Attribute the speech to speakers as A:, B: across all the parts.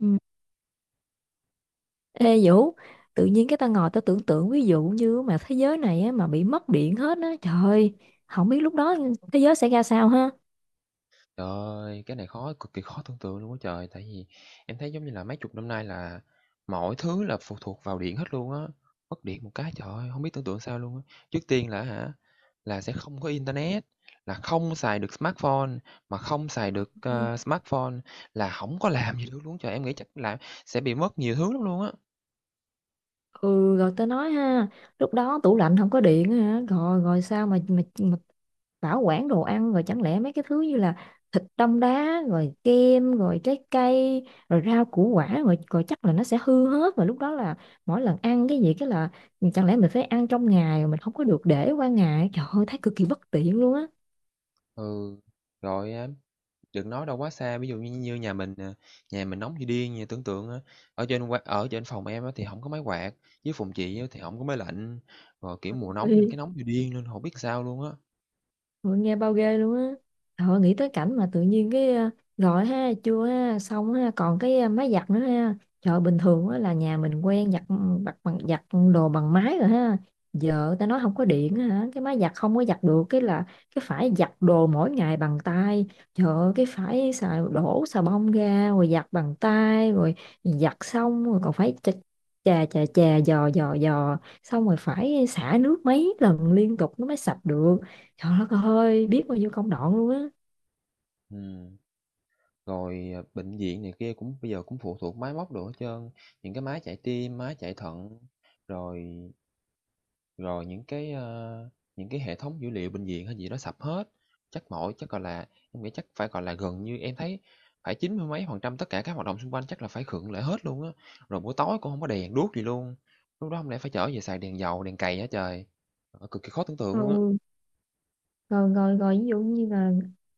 A: Ừ. Ê Vũ, tự nhiên cái tao ngồi tao tưởng tượng ví dụ như mà thế giới này á, mà bị mất điện hết á, trời ơi, không biết lúc đó thế giới sẽ ra sao ha.
B: Trời ơi, cái này khó cực kỳ khó tưởng tượng luôn á trời, tại vì em thấy giống như là mấy chục năm nay là mọi thứ là phụ thuộc vào điện hết luôn á. Mất điện một cái trời ơi, hông biết tưởng tượng sao luôn á. Trước tiên là hả, là sẽ không có internet, là không xài được smartphone, mà không xài được, smartphone là không có làm gì được luôn trời. Em nghĩ chắc là sẽ bị mất nhiều thứ lắm luôn á.
A: Ừ, rồi tao nói ha, lúc đó tủ lạnh không có điện á hả, rồi rồi sao mà bảo quản đồ ăn, rồi chẳng lẽ mấy cái thứ như là thịt đông đá rồi kem rồi trái cây rồi rau củ quả rồi rồi chắc là nó sẽ hư hết. Và lúc đó là mỗi lần ăn cái gì cái là chẳng lẽ mình phải ăn trong ngày mà mình không có được để qua ngày, trời ơi, thấy cực kỳ bất tiện luôn á.
B: Ừ, rồi, à, đừng nói đâu quá xa, ví dụ như như nhà mình nè, nhà mình nóng như điên nha. Tưởng tượng á, ở trên qua ở trên phòng em á thì không có máy quạt, với phòng chị á thì không có máy lạnh, rồi, kiểu, mùa nóng nên
A: Ui,
B: cái nóng như điên nên không biết sao luôn á.
A: ôi, nghe bao ghê luôn á. Thôi nghĩ tới cảnh mà tự nhiên cái gọi ha chưa ha xong ha còn cái máy giặt nữa ha. Trời bình thường á là nhà mình quen giặt, ừ, bặt bằng giặt đồ bằng máy rồi ha. Giờ ta nói không có điện á hả, cái máy giặt không có giặt được, cái là cái phải giặt đồ mỗi ngày bằng tay. Trời ơi, cái phải xài đổ xà bông ra rồi giặt bằng tay rồi, giặt xong rồi còn phải chà chà chà chà, dò dò dò, xong rồi phải xả nước mấy lần liên tục nó mới sạch được. Trời đất ơi, biết bao nhiêu công đoạn luôn á.
B: Ừm, Rồi, à, bệnh viện này kia cũng bây giờ cũng phụ thuộc máy móc đồ hết trơn, những cái máy chạy tim, máy chạy thận, rồi rồi những cái, những cái hệ thống dữ liệu bệnh viện hay gì đó sập hết. Gọi là, em nghĩ chắc phải, gọi là, gần như em thấy phải chín mươi mấy phần trăm tất cả các hoạt động xung quanh chắc là phải khựng lại hết luôn á. Rồi buổi tối cũng không có đèn đuốc gì luôn, lúc đó không lẽ phải trở về xài đèn dầu, đèn cầy hả trời? Ờ, cực kỳ khó tưởng tượng luôn á.
A: Ừ, rồi rồi rồi ví dụ như là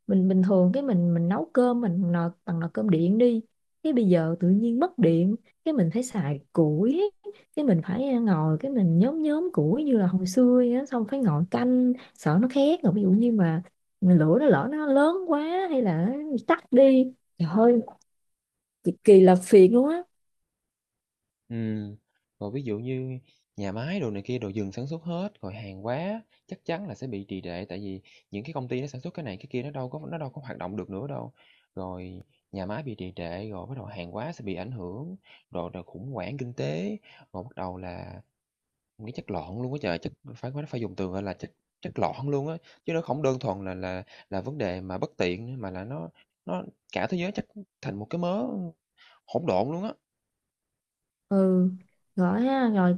A: mình bình thường cái mình nấu cơm, mình nồi bằng nồi cơm điện đi, cái bây giờ tự nhiên mất điện, cái mình phải xài củi, cái mình phải ngồi cái mình nhóm nhóm củi như là hồi xưa vậy á, xong phải ngồi canh sợ nó khét, rồi ví dụ như mà lửa nó lỡ nó lớn quá hay là nó tắt đi, trời ơi, cực kỳ là phiền luôn á.
B: Ừm, Rồi ví dụ như nhà máy đồ này kia đồ dừng sản xuất hết, rồi hàng hóa chắc chắn là sẽ bị trì trệ, tại vì những cái công ty nó sản xuất cái này cái kia nó đâu có hoạt động được nữa đâu. Rồi nhà máy bị trì trệ rồi bắt đầu hàng hóa sẽ bị ảnh hưởng, rồi rồi khủng hoảng kinh tế, rồi bắt đầu là nghĩ chất lọn luôn á trời, chất phải phải phải dùng từ, gọi là, chất chất lọn luôn á, chứ nó không đơn thuần là là vấn đề mà bất tiện nữa, mà là nó cả thế giới chắc thành một cái mớ hỗn độn luôn á.
A: Ừ rồi ha, rồi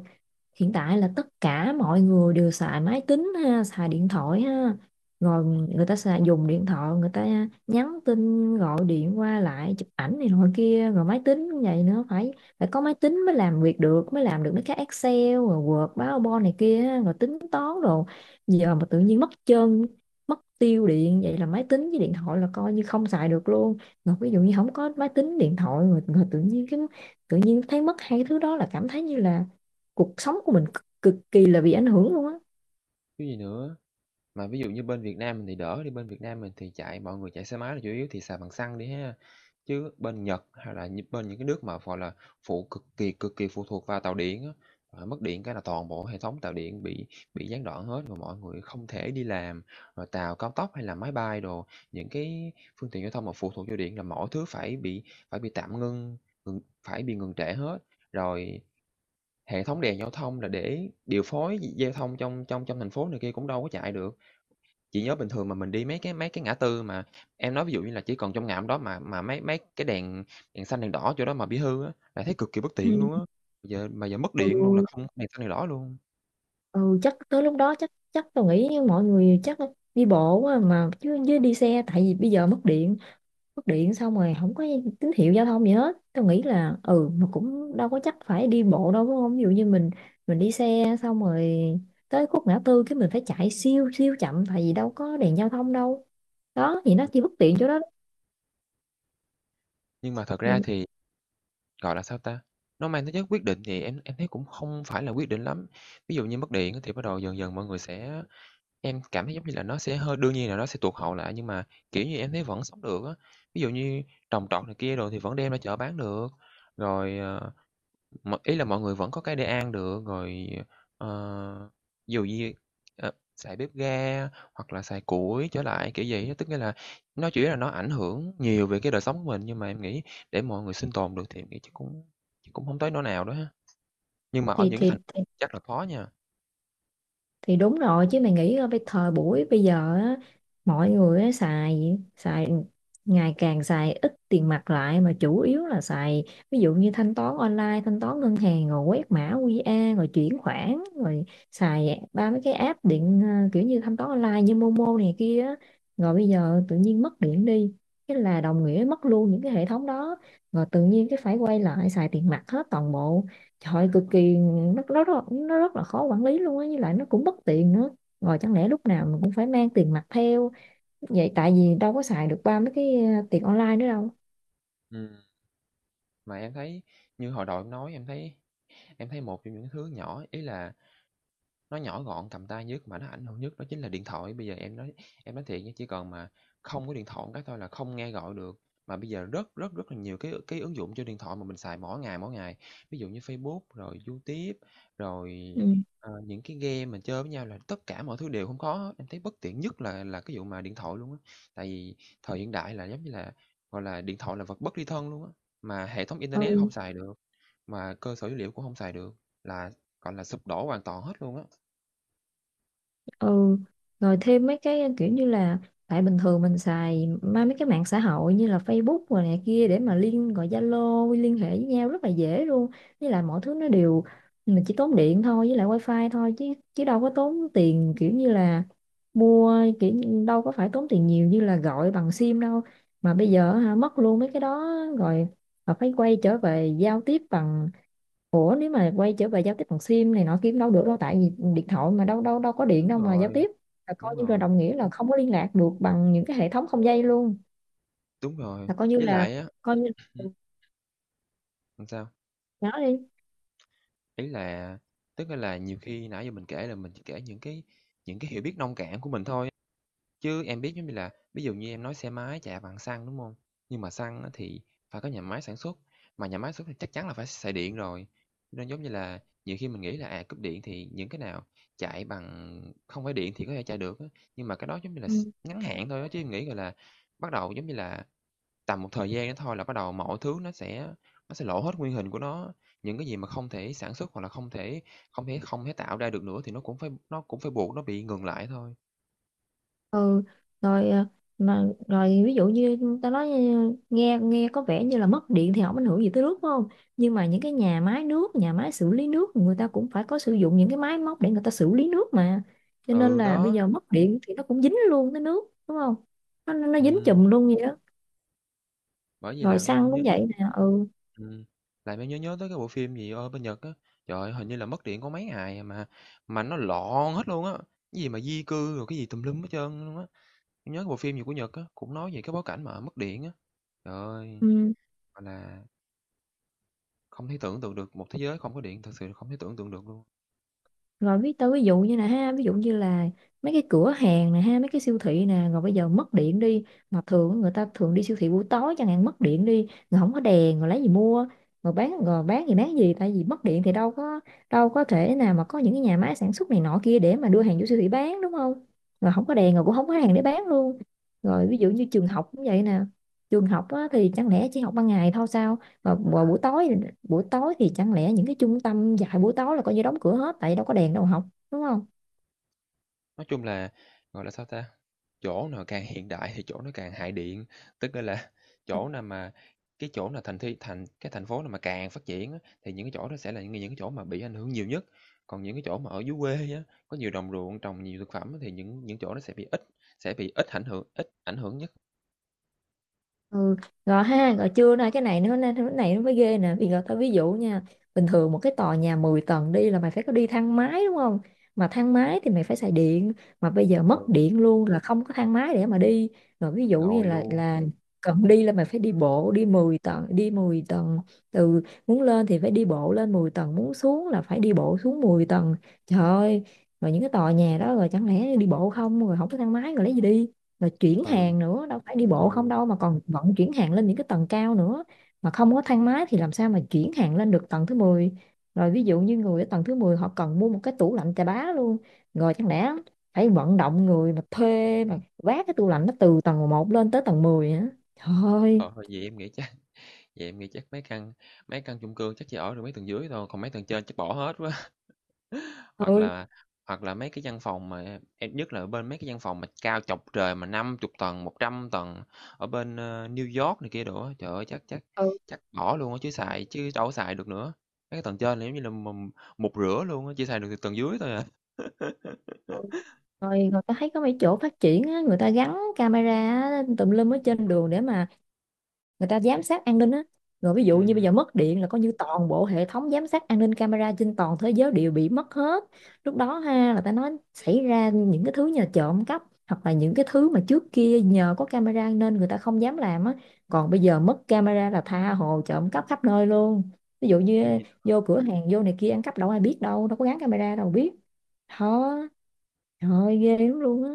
A: hiện tại là tất cả mọi người đều xài máy tính ha, xài điện thoại ha, rồi người ta dùng điện thoại, người ta nhắn tin gọi điện qua lại chụp ảnh này nọ kia, rồi máy tính cũng vậy nữa, phải phải có máy tính mới làm việc được, mới làm được mấy cái Excel rồi Word PowerPoint này kia ha, rồi tính toán. Rồi giờ mà tự nhiên mất tiêu điện vậy là máy tính với điện thoại là coi như không xài được luôn. Rồi ví dụ như không có máy tính điện thoại rồi, tự nhiên thấy mất hai cái thứ đó là cảm thấy như là cuộc sống của mình cực kỳ là bị ảnh hưởng luôn á.
B: Cái gì nữa. Mà ví dụ như bên Việt Nam mình thì đỡ đi, bên Việt Nam mình thì chạy mọi người chạy xe máy là chủ yếu thì xài bằng xăng đi ha. Chứ bên Nhật hay là như bên những cái nước mà, gọi là, phụ cực kỳ phụ thuộc vào tàu điện á, ờ, mất điện cái là toàn bộ hệ thống tàu điện bị gián đoạn hết và mọi người không thể đi làm. Rồi tàu cao tốc hay là máy bay đồ, những cái phương tiện giao thông mà phụ thuộc vào điện là mọi thứ phải bị tạm ngưng, phải bị ngừng trệ hết. Rồi hệ thống đèn giao thông là để điều phối giao thông trong trong trong thành phố này kia cũng đâu có chạy được. Chị nhớ bình thường mà mình đi mấy cái ngã tư mà em nói ví dụ như là chỉ còn trong ngã hôm đó mà mấy mấy cái đèn đèn xanh, đèn đỏ chỗ đó mà bị hư á, là thấy cực kỳ bất
A: Ừ.
B: tiện luôn á. Giờ mất điện luôn là
A: Ừ,
B: không có đèn xanh, đèn đỏ luôn.
A: ừ, chắc tới lúc đó chắc chắc tôi nghĩ như mọi người chắc đi bộ quá mà, chứ chứ đi xe tại vì bây giờ mất điện xong rồi không có tín hiệu giao thông gì hết, tôi nghĩ là mà cũng đâu có chắc phải đi bộ đâu đúng không, ví dụ như mình đi xe xong rồi tới khúc ngã tư cái mình phải chạy siêu siêu chậm tại vì đâu có đèn giao thông đâu, đó thì nó chỉ bất tiện chỗ đó.
B: Nhưng mà thật ra
A: thì
B: thì, gọi là, sao ta, nó mang tính chất quyết định thì em thấy cũng không phải là quyết định lắm. Ví dụ như mất điện á thì bắt đầu dần dần mọi người sẽ em cảm thấy giống như là nó sẽ hơi đương nhiên là nó sẽ tụt hậu lại, nhưng mà, kiểu như, em thấy vẫn sống được á. Ví dụ như trồng trọt này kia rồi thì vẫn đem ra chợ bán được, rồi, ờ, M ý là mọi người vẫn có cái để ăn được, rồi, ờ, ví dụ như, ờ, xài bếp ga hoặc là xài củi trở lại, kiểu gì á. Tức nghĩa là nó chỉ là nó ảnh hưởng nhiều về cái đời sống của mình, nhưng mà em nghĩ để mọi người sinh tồn được thì em nghĩ chắc cũng không tới nỗi nào đó ha. Nhưng mà ở
A: thì
B: những cái
A: thì
B: thành phố chắc là khó nha.
A: thì đúng rồi chứ mày nghĩ, thời buổi bây giờ á, mọi người á, xài xài ngày càng xài ít tiền mặt lại mà chủ yếu là xài ví dụ như thanh toán online, thanh toán ngân hàng rồi quét mã QR rồi chuyển khoản, rồi xài ba mấy cái app điện, kiểu như thanh toán online như Momo này kia á. Rồi bây giờ tự nhiên mất điện đi, cái là đồng nghĩa mất luôn những cái hệ thống đó, rồi tự nhiên cái phải quay lại xài tiền mặt hết toàn bộ. Trời cực kỳ nó rất là khó quản lý luôn á, với lại nó cũng bất tiện nữa. Rồi chẳng lẽ lúc nào mình cũng phải mang tiền mặt theo vậy, tại vì đâu có xài được ba mấy cái tiền online nữa đâu.
B: Ừm, mà em thấy như hồi đầu em nói, em thấy một trong những thứ nhỏ, ý là nó nhỏ gọn, cầm tay nhất mà nó ảnh hưởng nhất đó chính là điện thoại. Bây giờ em nói thiệt nha, chỉ cần mà không có điện thoại một cái thôi là không nghe gọi được. Mà bây giờ rất, rất, rất là nhiều cái ứng dụng cho điện thoại mà mình xài mỗi ngày, mỗi ngày. Ví dụ như Facebook, rồi YouTube, rồi,
A: Ừ.
B: ờ, những cái game mình chơi với nhau là tất cả mọi thứ đều không có hết. Em thấy bất tiện nhất là cái vụ mà điện thoại luôn á. Tại vì thời hiện đại là giống như là, gọi là, điện thoại là vật bất ly thân luôn á, mà hệ thống internet không
A: Ừ,
B: xài được, mà cơ sở dữ liệu cũng không xài được, là, gọi là, sụp đổ hoàn toàn hết luôn á.
A: ừ, rồi thêm mấy cái kiểu như là tại bình thường mình xài mấy cái mạng xã hội như là Facebook rồi này kia để mà liên gọi Zalo liên hệ với nhau rất là dễ luôn, với lại mọi thứ nó đều mình chỉ tốn điện thôi với lại wifi thôi, chứ chứ đâu có tốn tiền kiểu như là đâu có phải tốn tiền nhiều như là gọi bằng sim đâu. Mà bây giờ hả, mất luôn mấy cái đó rồi, mà phải quay trở về giao tiếp bằng, nếu mà quay trở về giao tiếp bằng sim này nọ kiếm đâu được đâu, tại vì điện thoại mà đâu đâu đâu có điện
B: Đúng
A: đâu mà giao
B: rồi,
A: tiếp, là coi
B: đúng
A: như là
B: rồi,
A: đồng nghĩa là không có liên lạc được bằng những cái hệ thống không dây luôn,
B: đúng rồi.
A: là coi như
B: Với
A: là
B: lại á,
A: coi như
B: làm sao?
A: nói đi.
B: Ý là tức là nhiều khi nãy giờ mình kể là mình chỉ kể những những cái hiểu biết nông cạn của mình thôi, chứ em biết giống như là ví dụ như em nói xe máy chạy bằng xăng, đúng không? Nhưng mà xăng á thì phải có nhà máy sản xuất, mà nhà máy sản xuất thì chắc chắn là phải xài điện rồi. Cho nên giống như là nhiều khi mình nghĩ là, à, cúp điện thì những cái nào chạy bằng không phải điện thì có thể chạy được á, nhưng mà cái đó giống như là s
A: Ừ.
B: ngắn hạn thôi á, chứ em nghĩ, gọi là, bắt đầu giống như là tầm một thời gian đó thôi là bắt đầu mọi thứ nó sẽ lộ hết nguyên hình của nó, những cái gì mà không thể sản xuất hoặc là không thể tạo ra được nữa thì nó cũng phải buộc nó bị ngừng lại thôi.
A: Ừ, rồi mà rồi ví dụ như ta nói nghe nghe có vẻ như là mất điện thì không ảnh hưởng gì tới nước đúng không, nhưng mà những cái nhà máy nước, nhà máy xử lý nước người ta cũng phải có sử dụng những cái máy móc để người ta xử lý nước mà, cho nên
B: Ừ,
A: là bây
B: đó,
A: giờ mất điện thì nó cũng dính luôn tới nước đúng không, nó dính
B: ừm,
A: chùm luôn vậy đó.
B: bởi vì
A: Rồi xăng cũng vậy nè. Ừ,
B: ừm, làm em nhớ nhớ tới cái bộ phim gì, ở bên Nhật á, trời ơi, hình như là mất điện có mấy ngày à mà nó loạn hết luôn á, cái gì mà di cư rồi cái gì tùm lum hết trơn luôn á. Em nhớ cái bộ phim gì của Nhật á, cũng nói về cái bối cảnh mà mất điện á. Trời ơi,
A: ừ,
B: gọi là không thể tưởng tượng được một thế giới không có điện, thực sự không thể tưởng tượng được luôn.
A: rồi tao ví dụ như là ha, ví dụ như là mấy cái cửa hàng nè ha, mấy cái siêu thị nè, rồi bây giờ mất điện đi, mà thường người ta thường đi siêu thị buổi tối chẳng hạn, mất điện đi rồi không có đèn rồi lấy gì mua, rồi bán gì tại vì mất điện thì đâu có thể nào mà có những cái nhà máy sản xuất này nọ kia để mà đưa hàng vô siêu thị bán đúng không, rồi không có đèn rồi cũng không có hàng để bán luôn. Rồi ví dụ như trường học cũng vậy nè, trường học á, thì chẳng lẽ chỉ học ban ngày thôi sao, và buổi tối thì chẳng lẽ những cái trung tâm dạy buổi tối là coi như đóng cửa hết tại vì đâu có đèn đâu học, đúng không.
B: Nói chung là, gọi là, sao ta, chỗ nào càng hiện đại thì chỗ nó càng hại điện, tức là chỗ nào mà cái chỗ nào thành thị thành cái thành phố nào mà càng phát triển á, thì những cái chỗ đó sẽ là những cái chỗ mà bị ảnh hưởng nhiều nhất. Còn những cái chỗ mà ở dưới quê á, có nhiều đồng ruộng trồng nhiều thực phẩm á, thì những chỗ nó sẽ bị ít ảnh hưởng nhất.
A: Ừ, gò ha, gò chưa nói cái này nữa nên cái này nó mới ghê nè, vì gò tao ví dụ nha, bình thường một cái tòa nhà 10 tầng đi là mày phải có đi thang máy đúng không, mà thang máy thì mày phải xài điện, mà bây giờ
B: Ờ,
A: mất điện luôn là không có thang máy để mà đi. Rồi ví dụ như
B: rồi
A: là
B: luôn.
A: là cần đi là mày phải đi bộ đi 10 tầng, đi 10 tầng từ muốn lên thì phải đi bộ lên 10 tầng, muốn xuống là phải đi bộ xuống 10 tầng, trời ơi. Rồi những cái tòa nhà đó rồi chẳng lẽ đi bộ không, rồi không có thang máy rồi lấy gì đi. Rồi chuyển
B: Ừ,
A: hàng nữa, đâu phải đi bộ không
B: ừ,
A: đâu mà còn vận chuyển hàng lên những cái tầng cao nữa, mà không có thang máy thì làm sao mà chuyển hàng lên được tầng thứ mười. Rồi ví dụ như người ở tầng thứ 10 họ cần mua một cái tủ lạnh chà bá luôn, rồi chẳng lẽ phải vận động người mà thuê mà vác cái tủ lạnh nó từ tầng một lên tới tầng 10 hả, trời ơi
B: trời ơi, vậy em nghĩ chắc Vậy em nghĩ chắc mấy căn mấy căn chung cư chắc chỉ ở được mấy tầng dưới thôi, còn mấy tầng trên chắc bỏ hết quá. Hoặc
A: ơi.
B: là Hoặc là mấy cái văn phòng mà em nhất là ở bên mấy cái văn phòng mà cao chọc trời mà 50 tầng, 100 tầng ở bên, New York này kia đồ á, trời ơi, chắc chắc
A: Ừ,
B: chắc bỏ luôn á, chứ đâu có xài được nữa. Mấy cái tầng trên là giống như là mục rửa luôn á, chỉ xài được từ tầng dưới thôi à.
A: ừ. Rồi người ta thấy có mấy chỗ phát triển á, người ta gắn camera á, tùm lum ở trên đường để mà người ta giám sát an ninh á, rồi ví dụ như bây
B: Ừm,
A: giờ mất điện là coi như toàn bộ hệ thống giám sát an ninh camera trên toàn thế giới đều bị mất hết. Lúc đó ha là ta nói xảy ra những cái thứ nhờ trộm cắp, hoặc là những cái thứ mà trước kia nhờ có camera nên người ta không dám làm á, còn bây giờ mất camera là tha hồ trộm cắp khắp nơi luôn, ví dụ như
B: chứ gì.
A: vô cửa hàng vô này kia ăn cắp đâu ai biết, đâu đâu có gắn camera đâu biết. Thôi, trời ơi, ghê lắm luôn á.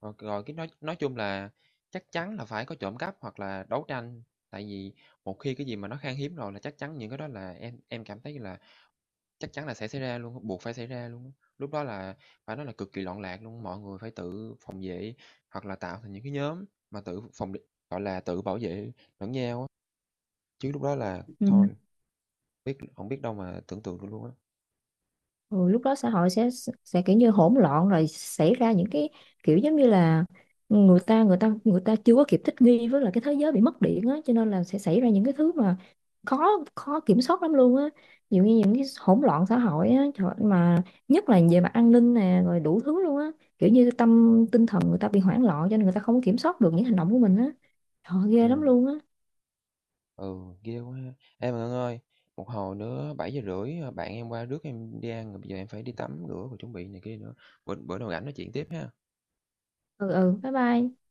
B: Rồi rồi cái nói chung là chắc chắn là phải có trộm cắp hoặc là đấu tranh, tại vì một khi cái gì mà nó khan hiếm rồi là chắc chắn những cái đó là em cảm thấy là chắc chắn là sẽ xảy ra luôn á, buộc phải xảy ra luôn á. Lúc đó là phải nói là cực kỳ loạn lạc luôn, mọi người phải tự phòng vệ hoặc là tạo thành những cái nhóm mà tự phòng, gọi là, tự bảo vệ lẫn nhau á, chứ lúc đó là
A: Ừ.
B: thôi, biết hổng biết đâu mà tưởng tượng được luôn á.
A: Ừ, lúc đó xã hội sẽ kiểu như hỗn loạn, rồi xảy ra những cái kiểu giống như là người ta chưa có kịp thích nghi với là cái thế giới bị mất điện á, cho nên là sẽ xảy ra những cái thứ mà khó khó kiểm soát lắm luôn á. Ví dụ như những cái hỗn loạn xã hội á, trời ơi, mà nhất là về mặt an ninh nè rồi đủ thứ luôn á, kiểu như tinh thần người ta bị hoảng loạn cho nên người ta không có kiểm soát được những hành động của mình á, trời ơi, ghê lắm
B: Ừm.
A: luôn á.
B: Ừ, ghê quá ha. Ê mà Ngân ơi, một hồi nữa 7 giờ rưỡi ờ, bạn em qua rước em đi ăn rồi bây giờ em phải đi tắm rửa và chuẩn bị này kia nữa. Bữa Bữa nào rảnh nói chuyện tiếp ha.
A: Ừ, ừ, bye bye.